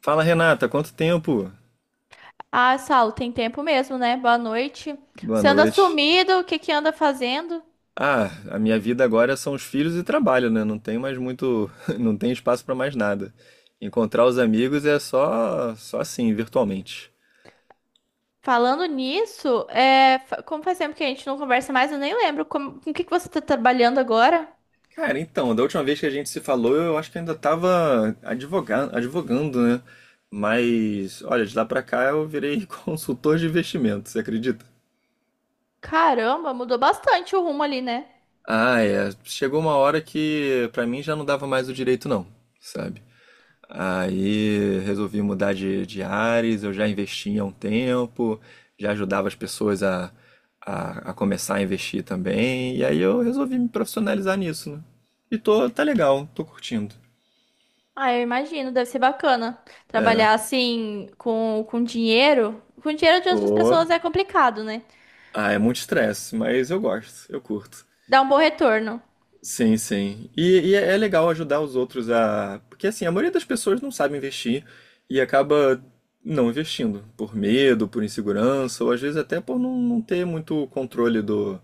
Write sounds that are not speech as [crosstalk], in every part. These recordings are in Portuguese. Fala Renata, quanto tempo? Ah, Saulo, tem tempo mesmo, né? Boa noite. Boa Você anda noite. sumido, o que que anda fazendo? Ah, a minha vida agora são os filhos e trabalho, né? Não tem mais muito, [laughs] não tem espaço pra mais nada. Encontrar os amigos é só assim, virtualmente. Falando nisso, como faz tempo que a gente não conversa mais, eu nem lembro. Com o que que você tá trabalhando agora? Cara, então, da última vez que a gente se falou, eu acho que ainda tava advogando, né? Mas, olha, de lá pra cá eu virei [laughs] consultor de investimento, você acredita? Caramba, mudou bastante o rumo ali, né? Ah, é. Chegou uma hora que pra mim já não dava mais o direito, não, sabe? Aí resolvi mudar de áreas, eu já investia há um tempo, já ajudava as pessoas a, a começar a investir também, e aí eu resolvi me profissionalizar nisso, né? E tá legal, tô curtindo. Ah, eu imagino, deve ser bacana. Trabalhar assim, com dinheiro. Com dinheiro de outras Ô, pessoas é complicado, né? ah, é muito estresse, mas eu gosto, eu curto. Dá um bom retorno. Sim, sim. É legal ajudar os outros a. Porque assim, a maioria das pessoas não sabe investir e acaba não investindo, por medo, por insegurança, ou às vezes até por não ter muito controle do,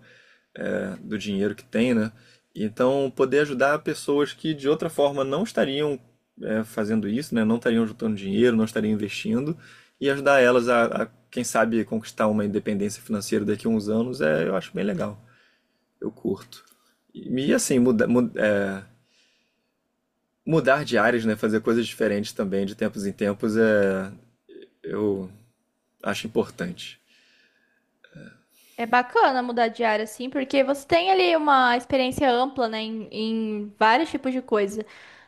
do dinheiro que tem, né? Então, poder ajudar pessoas que de outra forma não estariam fazendo isso, né? Não estariam juntando dinheiro, não estariam investindo, e ajudar elas a, quem sabe, conquistar uma independência financeira daqui a uns anos, eu acho bem legal. Eu curto. E assim, mudar de áreas, né? Fazer coisas diferentes também, de tempos em tempos, eu acho importante. É bacana mudar de área, assim, porque você tem ali uma experiência ampla, né, em vários tipos de coisa.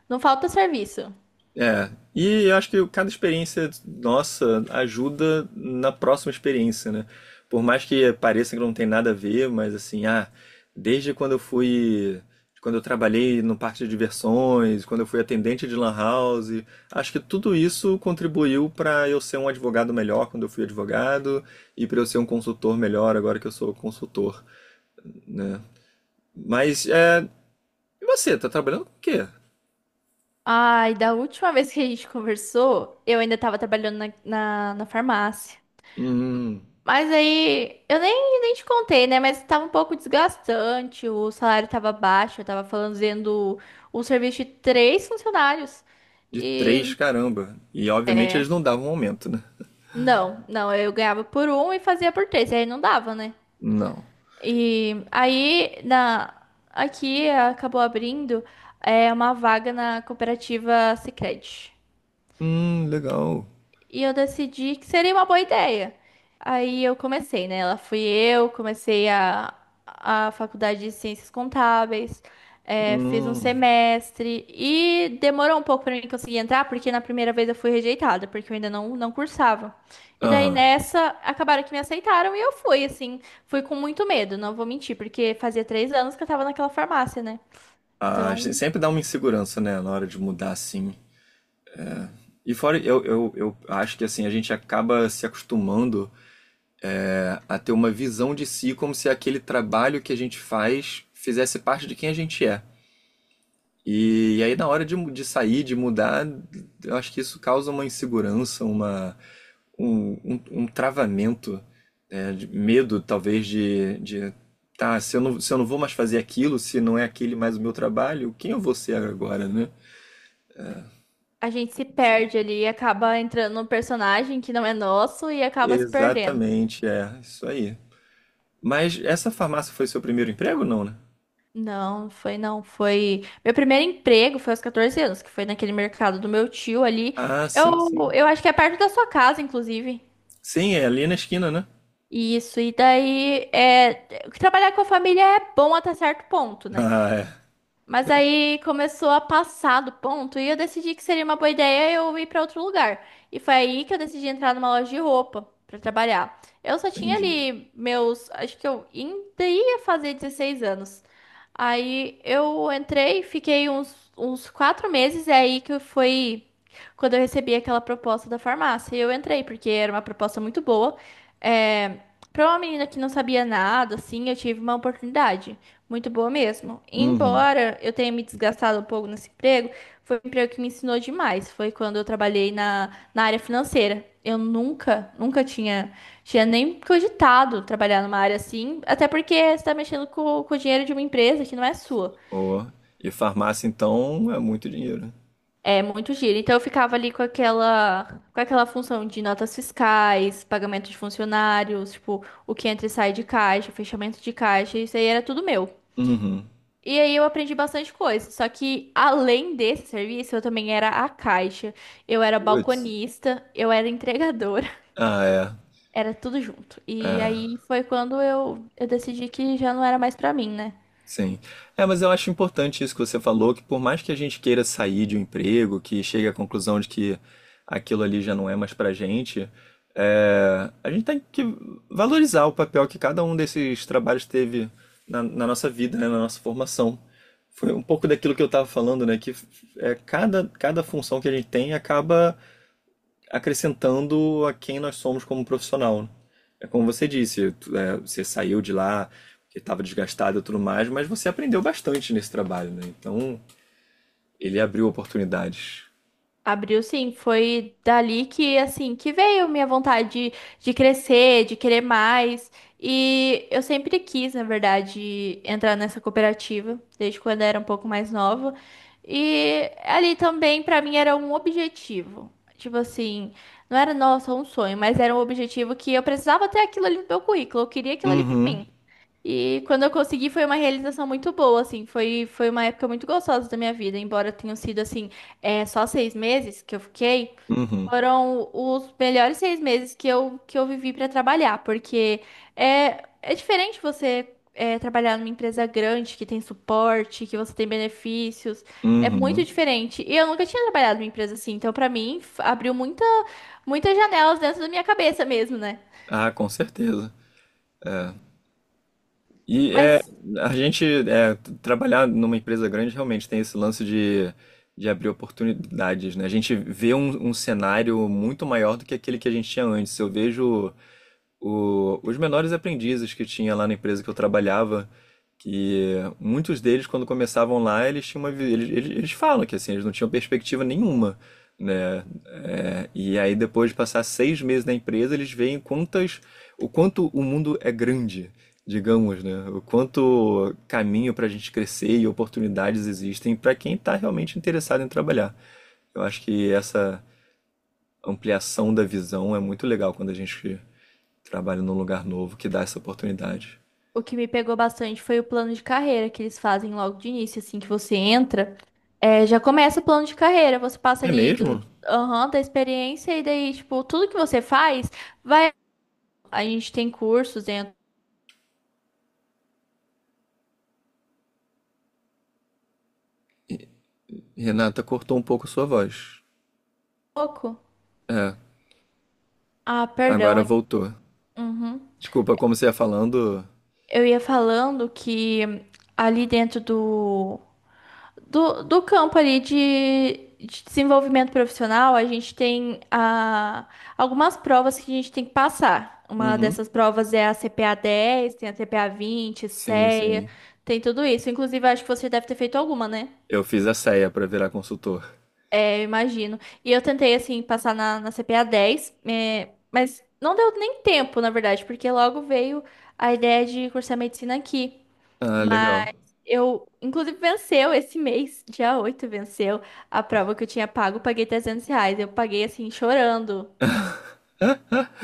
Não falta serviço. É, e eu acho que cada experiência nossa ajuda na próxima experiência, né? Por mais que pareça que não tem nada a ver, mas assim, desde quando eu fui, quando eu trabalhei no parque de diversões, quando eu fui atendente de lan house, acho que tudo isso contribuiu para eu ser um advogado melhor quando eu fui advogado e para eu ser um consultor melhor agora que eu sou consultor, né? Mas é, e você, tá trabalhando com o quê? Ai, da última vez que a gente conversou, eu ainda tava trabalhando na farmácia. Hum. Mas aí, eu nem te contei, né? Mas tava um pouco desgastante, o salário tava baixo, eu tava fazendo o serviço de três funcionários. De três, E caramba. E obviamente eles não davam aumento, né? não, não, eu ganhava por um e fazia por três, aí não dava, né? Não. E aí, aqui acabou abrindo uma vaga na cooperativa Sicredi. Legal. E eu decidi que seria uma boa ideia. Aí eu comecei, né? Lá fui eu, comecei a faculdade de Ciências Contábeis, fiz um Hum. semestre e demorou um pouco para mim conseguir entrar, porque na primeira vez eu fui rejeitada, porque eu ainda não cursava. E daí Aham. nessa, acabaram que me aceitaram e eu fui, assim, fui com muito medo, não vou mentir, porque fazia 3 anos que eu tava naquela farmácia, né? Ah, Então, sempre dá uma insegurança, né, na hora de mudar assim. E fora, eu acho que assim, a gente acaba se acostumando a ter uma visão de si como se aquele trabalho que a gente faz fizesse parte de quem a gente é. E, aí na hora de, de sair, de mudar, eu acho que isso causa uma insegurança, uma, um travamento, né, de medo talvez de tá, se eu não, se eu não vou mais fazer aquilo, se não é aquele mais o meu trabalho, quem eu vou ser agora, né? a gente se perde ali, acaba entrando num personagem que não é nosso e acaba se perdendo. Exatamente, é, isso aí. Mas essa farmácia foi seu primeiro emprego, não, né? Não, foi não, Meu primeiro emprego foi aos 14 anos, que foi naquele mercado do meu tio ali. Ah, sim, Eu, sim. eu acho que é perto da sua casa, inclusive. Sim, é ali na esquina, né? [laughs] Isso, e daí, trabalhar com a família é bom até certo ponto, né? Ah, é. Mas aí começou a passar do ponto e eu decidi que seria uma boa ideia eu ir para outro lugar. E foi aí que eu decidi entrar numa loja de roupa para trabalhar. Eu só tinha Entendi. ali meus, acho que eu ainda ia fazer 16 anos. Aí eu entrei, fiquei uns 4 meses, e é aí que foi quando eu recebi aquela proposta da farmácia. E eu entrei, porque era uma proposta muito boa. É, para uma menina que não sabia nada, assim, eu tive uma oportunidade. Muito boa mesmo. Uhum. Embora eu tenha me desgastado um pouco nesse emprego, foi um emprego que me ensinou demais. Foi quando eu trabalhei na área financeira. Eu nunca tinha nem cogitado trabalhar numa área assim, até porque você está mexendo com o dinheiro de uma empresa que não é sua. Oh, e farmácia, então, é muito dinheiro, né? É muito giro. Então eu ficava ali com aquela função de notas fiscais, pagamento de funcionários, tipo, o que entra e sai de caixa, fechamento de caixa, isso aí era tudo meu. Uhum. E aí eu aprendi bastante coisa. Só que além desse serviço, eu também era a caixa, eu era Putz. balconista, eu era entregadora, Ah, é. [laughs] era tudo junto. E É. aí foi quando eu decidi que já não era mais pra mim, né? Sim. É, mas eu acho importante isso que você falou, que por mais que a gente queira sair de um emprego, que chegue à conclusão de que aquilo ali já não é mais pra gente, a gente tem que valorizar o papel que cada um desses trabalhos teve na nossa vida, né, na nossa formação. Foi um pouco daquilo que eu estava falando, né? Que cada função que a gente tem acaba acrescentando a quem nós somos como profissional, né? É como você disse, você saiu de lá porque estava desgastado e tudo mais, mas você aprendeu bastante nesse trabalho, né? Então, ele abriu oportunidades. Abriu sim, foi dali que assim que veio minha vontade de crescer, de querer mais. E eu sempre quis, na verdade, entrar nessa cooperativa, desde quando eu era um pouco mais nova. E ali também pra mim era um objetivo. Tipo assim, não era nossa um sonho, mas era um objetivo que eu precisava ter aquilo ali no meu currículo, eu queria aquilo ali pra Uhum, mim. E quando eu consegui foi uma realização muito boa, assim, foi uma época muito gostosa da minha vida, embora tenham sido, assim, só 6 meses que eu fiquei, uhum, foram os melhores 6 meses que eu vivi para trabalhar, porque é diferente você trabalhar numa empresa grande, que tem suporte, que você tem benefícios, é muito uhum. diferente. E eu nunca tinha trabalhado numa empresa assim, então para mim abriu muitas janelas dentro da minha cabeça mesmo, né? Ah, com certeza. E é, Mas a gente é, trabalhar numa empresa grande realmente tem esse lance de abrir oportunidades, né? A gente vê um cenário muito maior do que aquele que a gente tinha antes. Eu vejo os menores aprendizes que tinha lá na empresa que eu trabalhava, que muitos deles, quando começavam lá, eles tinham uma, vi- eles falam que assim, eles não tinham perspectiva nenhuma, né? É, e aí depois de passar seis meses na empresa, eles veem o quanto o mundo é grande, digamos, né? O quanto caminho para a gente crescer e oportunidades existem para quem está realmente interessado em trabalhar. Eu acho que essa ampliação da visão é muito legal quando a gente trabalho num lugar novo que dá essa oportunidade. O que me pegou bastante foi o plano de carreira que eles fazem logo de início, assim que você entra, já começa o plano de carreira, você passa É ali mesmo? aham, da experiência e daí, tipo, tudo que você faz vai. A gente tem cursos dentro do Renata cortou um pouco sua voz. pouco. É, Ah, perdão. agora voltou. Uhum. Desculpa, como você ia falando. Eu ia falando que ali dentro do campo ali de desenvolvimento profissional, a gente tem algumas provas que a gente tem que passar. Uma Uhum. dessas provas é a CPA 10, tem a CPA 20, Sim, CEA, sim. tem tudo isso. Inclusive, acho que você deve ter feito alguma, né? Eu fiz a ceia pra virar consultor. Eu imagino. E eu tentei, assim, passar na CPA 10, mas não deu nem tempo, na verdade, porque logo veio a ideia de cursar medicina aqui. Ah, legal. Mas eu, inclusive, venceu esse mês, [laughs] dia 8 venceu a prova que eu tinha pago, eu paguei R$ 300. Eu paguei, assim, chorando. [laughs]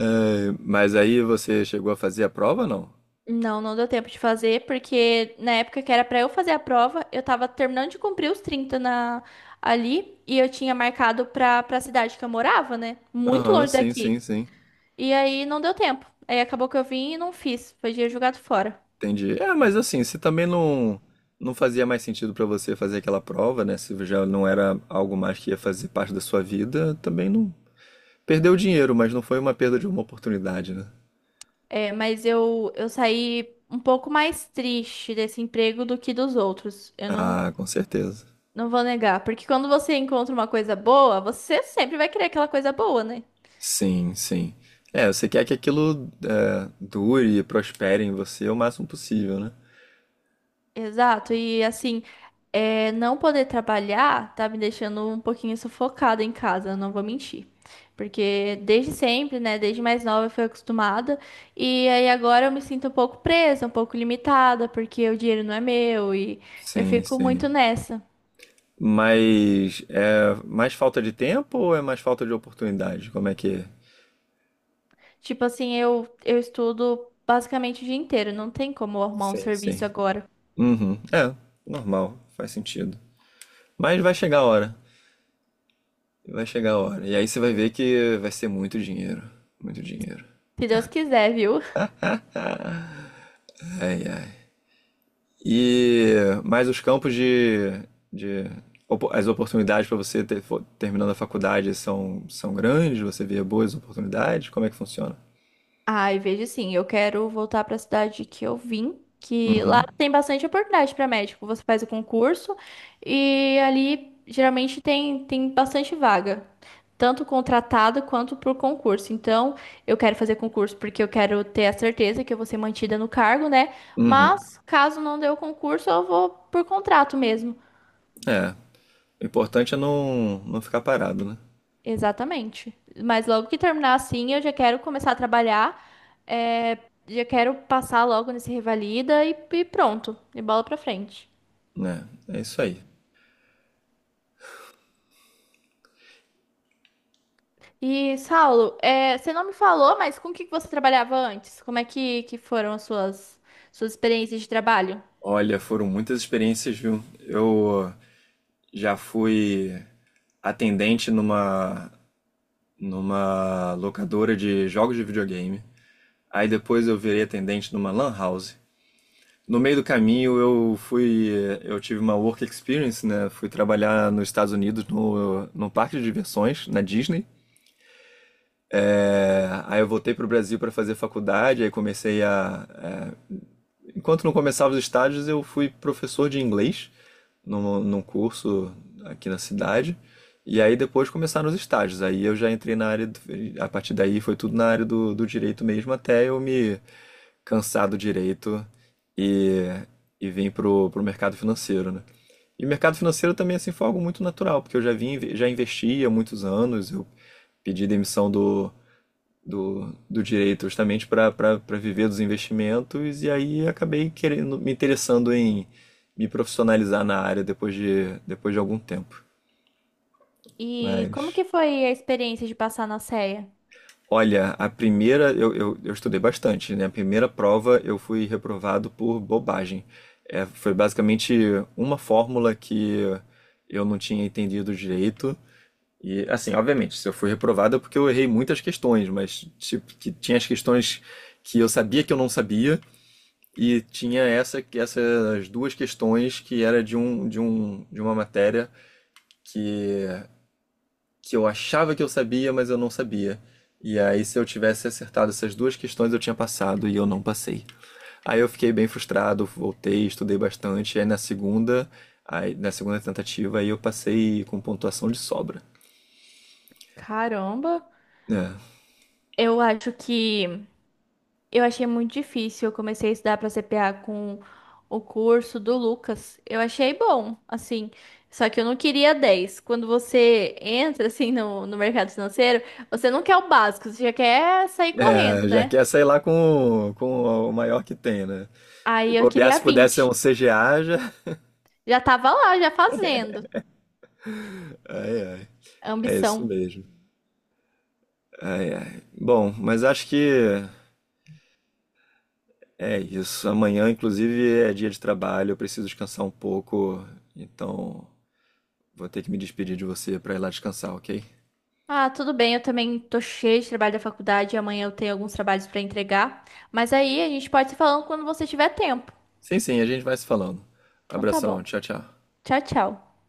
É, mas aí você chegou a fazer a prova, não? Não, não deu tempo de fazer, porque na época que era pra eu fazer a prova, eu tava terminando de cumprir os 30 ali, e eu tinha marcado pra cidade que eu morava, né? Muito Aham, longe sim, sim, daqui. sim. E aí não deu tempo. Aí acabou que eu vim e não fiz. Foi dia jogado fora. Entendi. É, mas assim, se também não fazia mais sentido pra você fazer aquela prova, né? Se já não era algo mais que ia fazer parte da sua vida, também não. Perdeu dinheiro, mas não foi uma perda de uma oportunidade, né? É, mas eu saí um pouco mais triste desse emprego do que dos outros. Eu não, Ah, com certeza. não vou negar. Porque quando você encontra uma coisa boa, você sempre vai querer aquela coisa boa, né? Sim, sim. É, você quer que aquilo dure e prospere em você o máximo possível, né? Exato. E assim. É, não poder trabalhar tá me deixando um pouquinho sufocada em casa, não vou mentir. Porque desde sempre, né, desde mais nova eu fui acostumada, e aí agora eu me sinto um pouco presa, um pouco limitada, porque o dinheiro não é meu e eu Sim, fico sim. muito nessa. Mas é mais falta de tempo ou é mais falta de oportunidade? Como é que é? Tipo assim, eu estudo basicamente o dia inteiro, não tem como eu arrumar um Sim, serviço sim. agora. Uhum. Normal, faz sentido. Mas vai chegar a hora. Vai chegar a hora. E aí você vai ver que vai ser muito dinheiro. Muito dinheiro. Se Deus quiser, viu? [laughs] Ai, ai. E mais os campos de as oportunidades para você ter, terminando a faculdade são, são grandes, você vê boas oportunidades, como é que funciona? Ai, vejo sim, eu quero voltar para a cidade que eu vim, que Uhum. lá tem bastante oportunidade para médico. Você faz o concurso e ali geralmente tem bastante vaga, tanto contratada quanto por concurso. Então, eu quero fazer concurso porque eu quero ter a certeza que eu vou ser mantida no cargo, né? Uhum. Mas caso não dê o concurso, eu vou por contrato mesmo. É, o importante é não ficar parado, né? Exatamente. Mas logo que terminar assim, eu já quero começar a trabalhar. é, Já quero passar logo nesse Revalida e pronto. E bola pra frente. Né, é, isso aí. E, Saulo, você não me falou, mas com o que que você trabalhava antes? Como é que foram as suas experiências de trabalho? Olha, foram muitas experiências, viu? Eu já fui atendente numa locadora de jogos de videogame. Aí depois eu virei atendente numa lan house. No meio do caminho eu fui, eu tive uma work experience, né? Fui trabalhar nos Estados Unidos no, num parque de diversões na Disney. É, aí eu voltei para o Brasil para fazer faculdade, aí comecei a, é, enquanto não começava os estágios eu fui professor de inglês num curso aqui na cidade. E aí depois começaram os estágios. Aí eu já entrei na área, do, a partir daí foi tudo na área do, do direito mesmo, até eu me cansado direito e, e vim pro, pro mercado financeiro, né? E o mercado financeiro também assim foi algo muito natural, porque eu já vim, já investi há muitos anos, eu pedi demissão do direito justamente para viver dos investimentos e aí acabei querendo me interessando em me profissionalizar na área depois de algum tempo. E como Mas que foi a experiência de passar na CEA? olha, a primeira eu estudei bastante, né? A primeira prova eu fui reprovado por bobagem. É, foi basicamente uma fórmula que eu não tinha entendido direito. E assim, obviamente, se eu fui reprovado é porque eu errei muitas questões, mas tipo, que tinha as questões que eu sabia que eu não sabia e tinha essas duas questões que era de uma matéria que eu achava que eu sabia, mas eu não sabia. E aí, se eu tivesse acertado essas duas questões, eu tinha passado e eu não passei. Aí eu fiquei bem frustrado, voltei, estudei bastante. Aí na segunda tentativa, aí eu passei com pontuação de sobra. Caramba, É, eu acho que eu achei muito difícil. Eu comecei a estudar para CPA com o curso do Lucas. Eu achei bom, assim. Só que eu não queria 10. Quando você entra, assim, no mercado financeiro, você não quer o básico, você já quer sair correndo, é, já né? quer sair lá com o maior que tem, né? Se Aí eu bobear, queria se pudesse ser um 20. CGA, já. Já tava lá, já fazendo. Ai, ai. É isso Ambição. mesmo. Ai, ai. Bom, mas acho que é isso. Amanhã, inclusive, é dia de trabalho, eu preciso descansar um pouco, então vou ter que me despedir de você para ir lá descansar, ok? Ah, tudo bem, eu também tô cheia de trabalho da faculdade. Amanhã eu tenho alguns trabalhos para entregar. Mas aí a gente pode se falando quando você tiver tempo. Sim, sim, a gente vai se falando. Então tá bom. Abração, tchau, tchau. Tchau, tchau.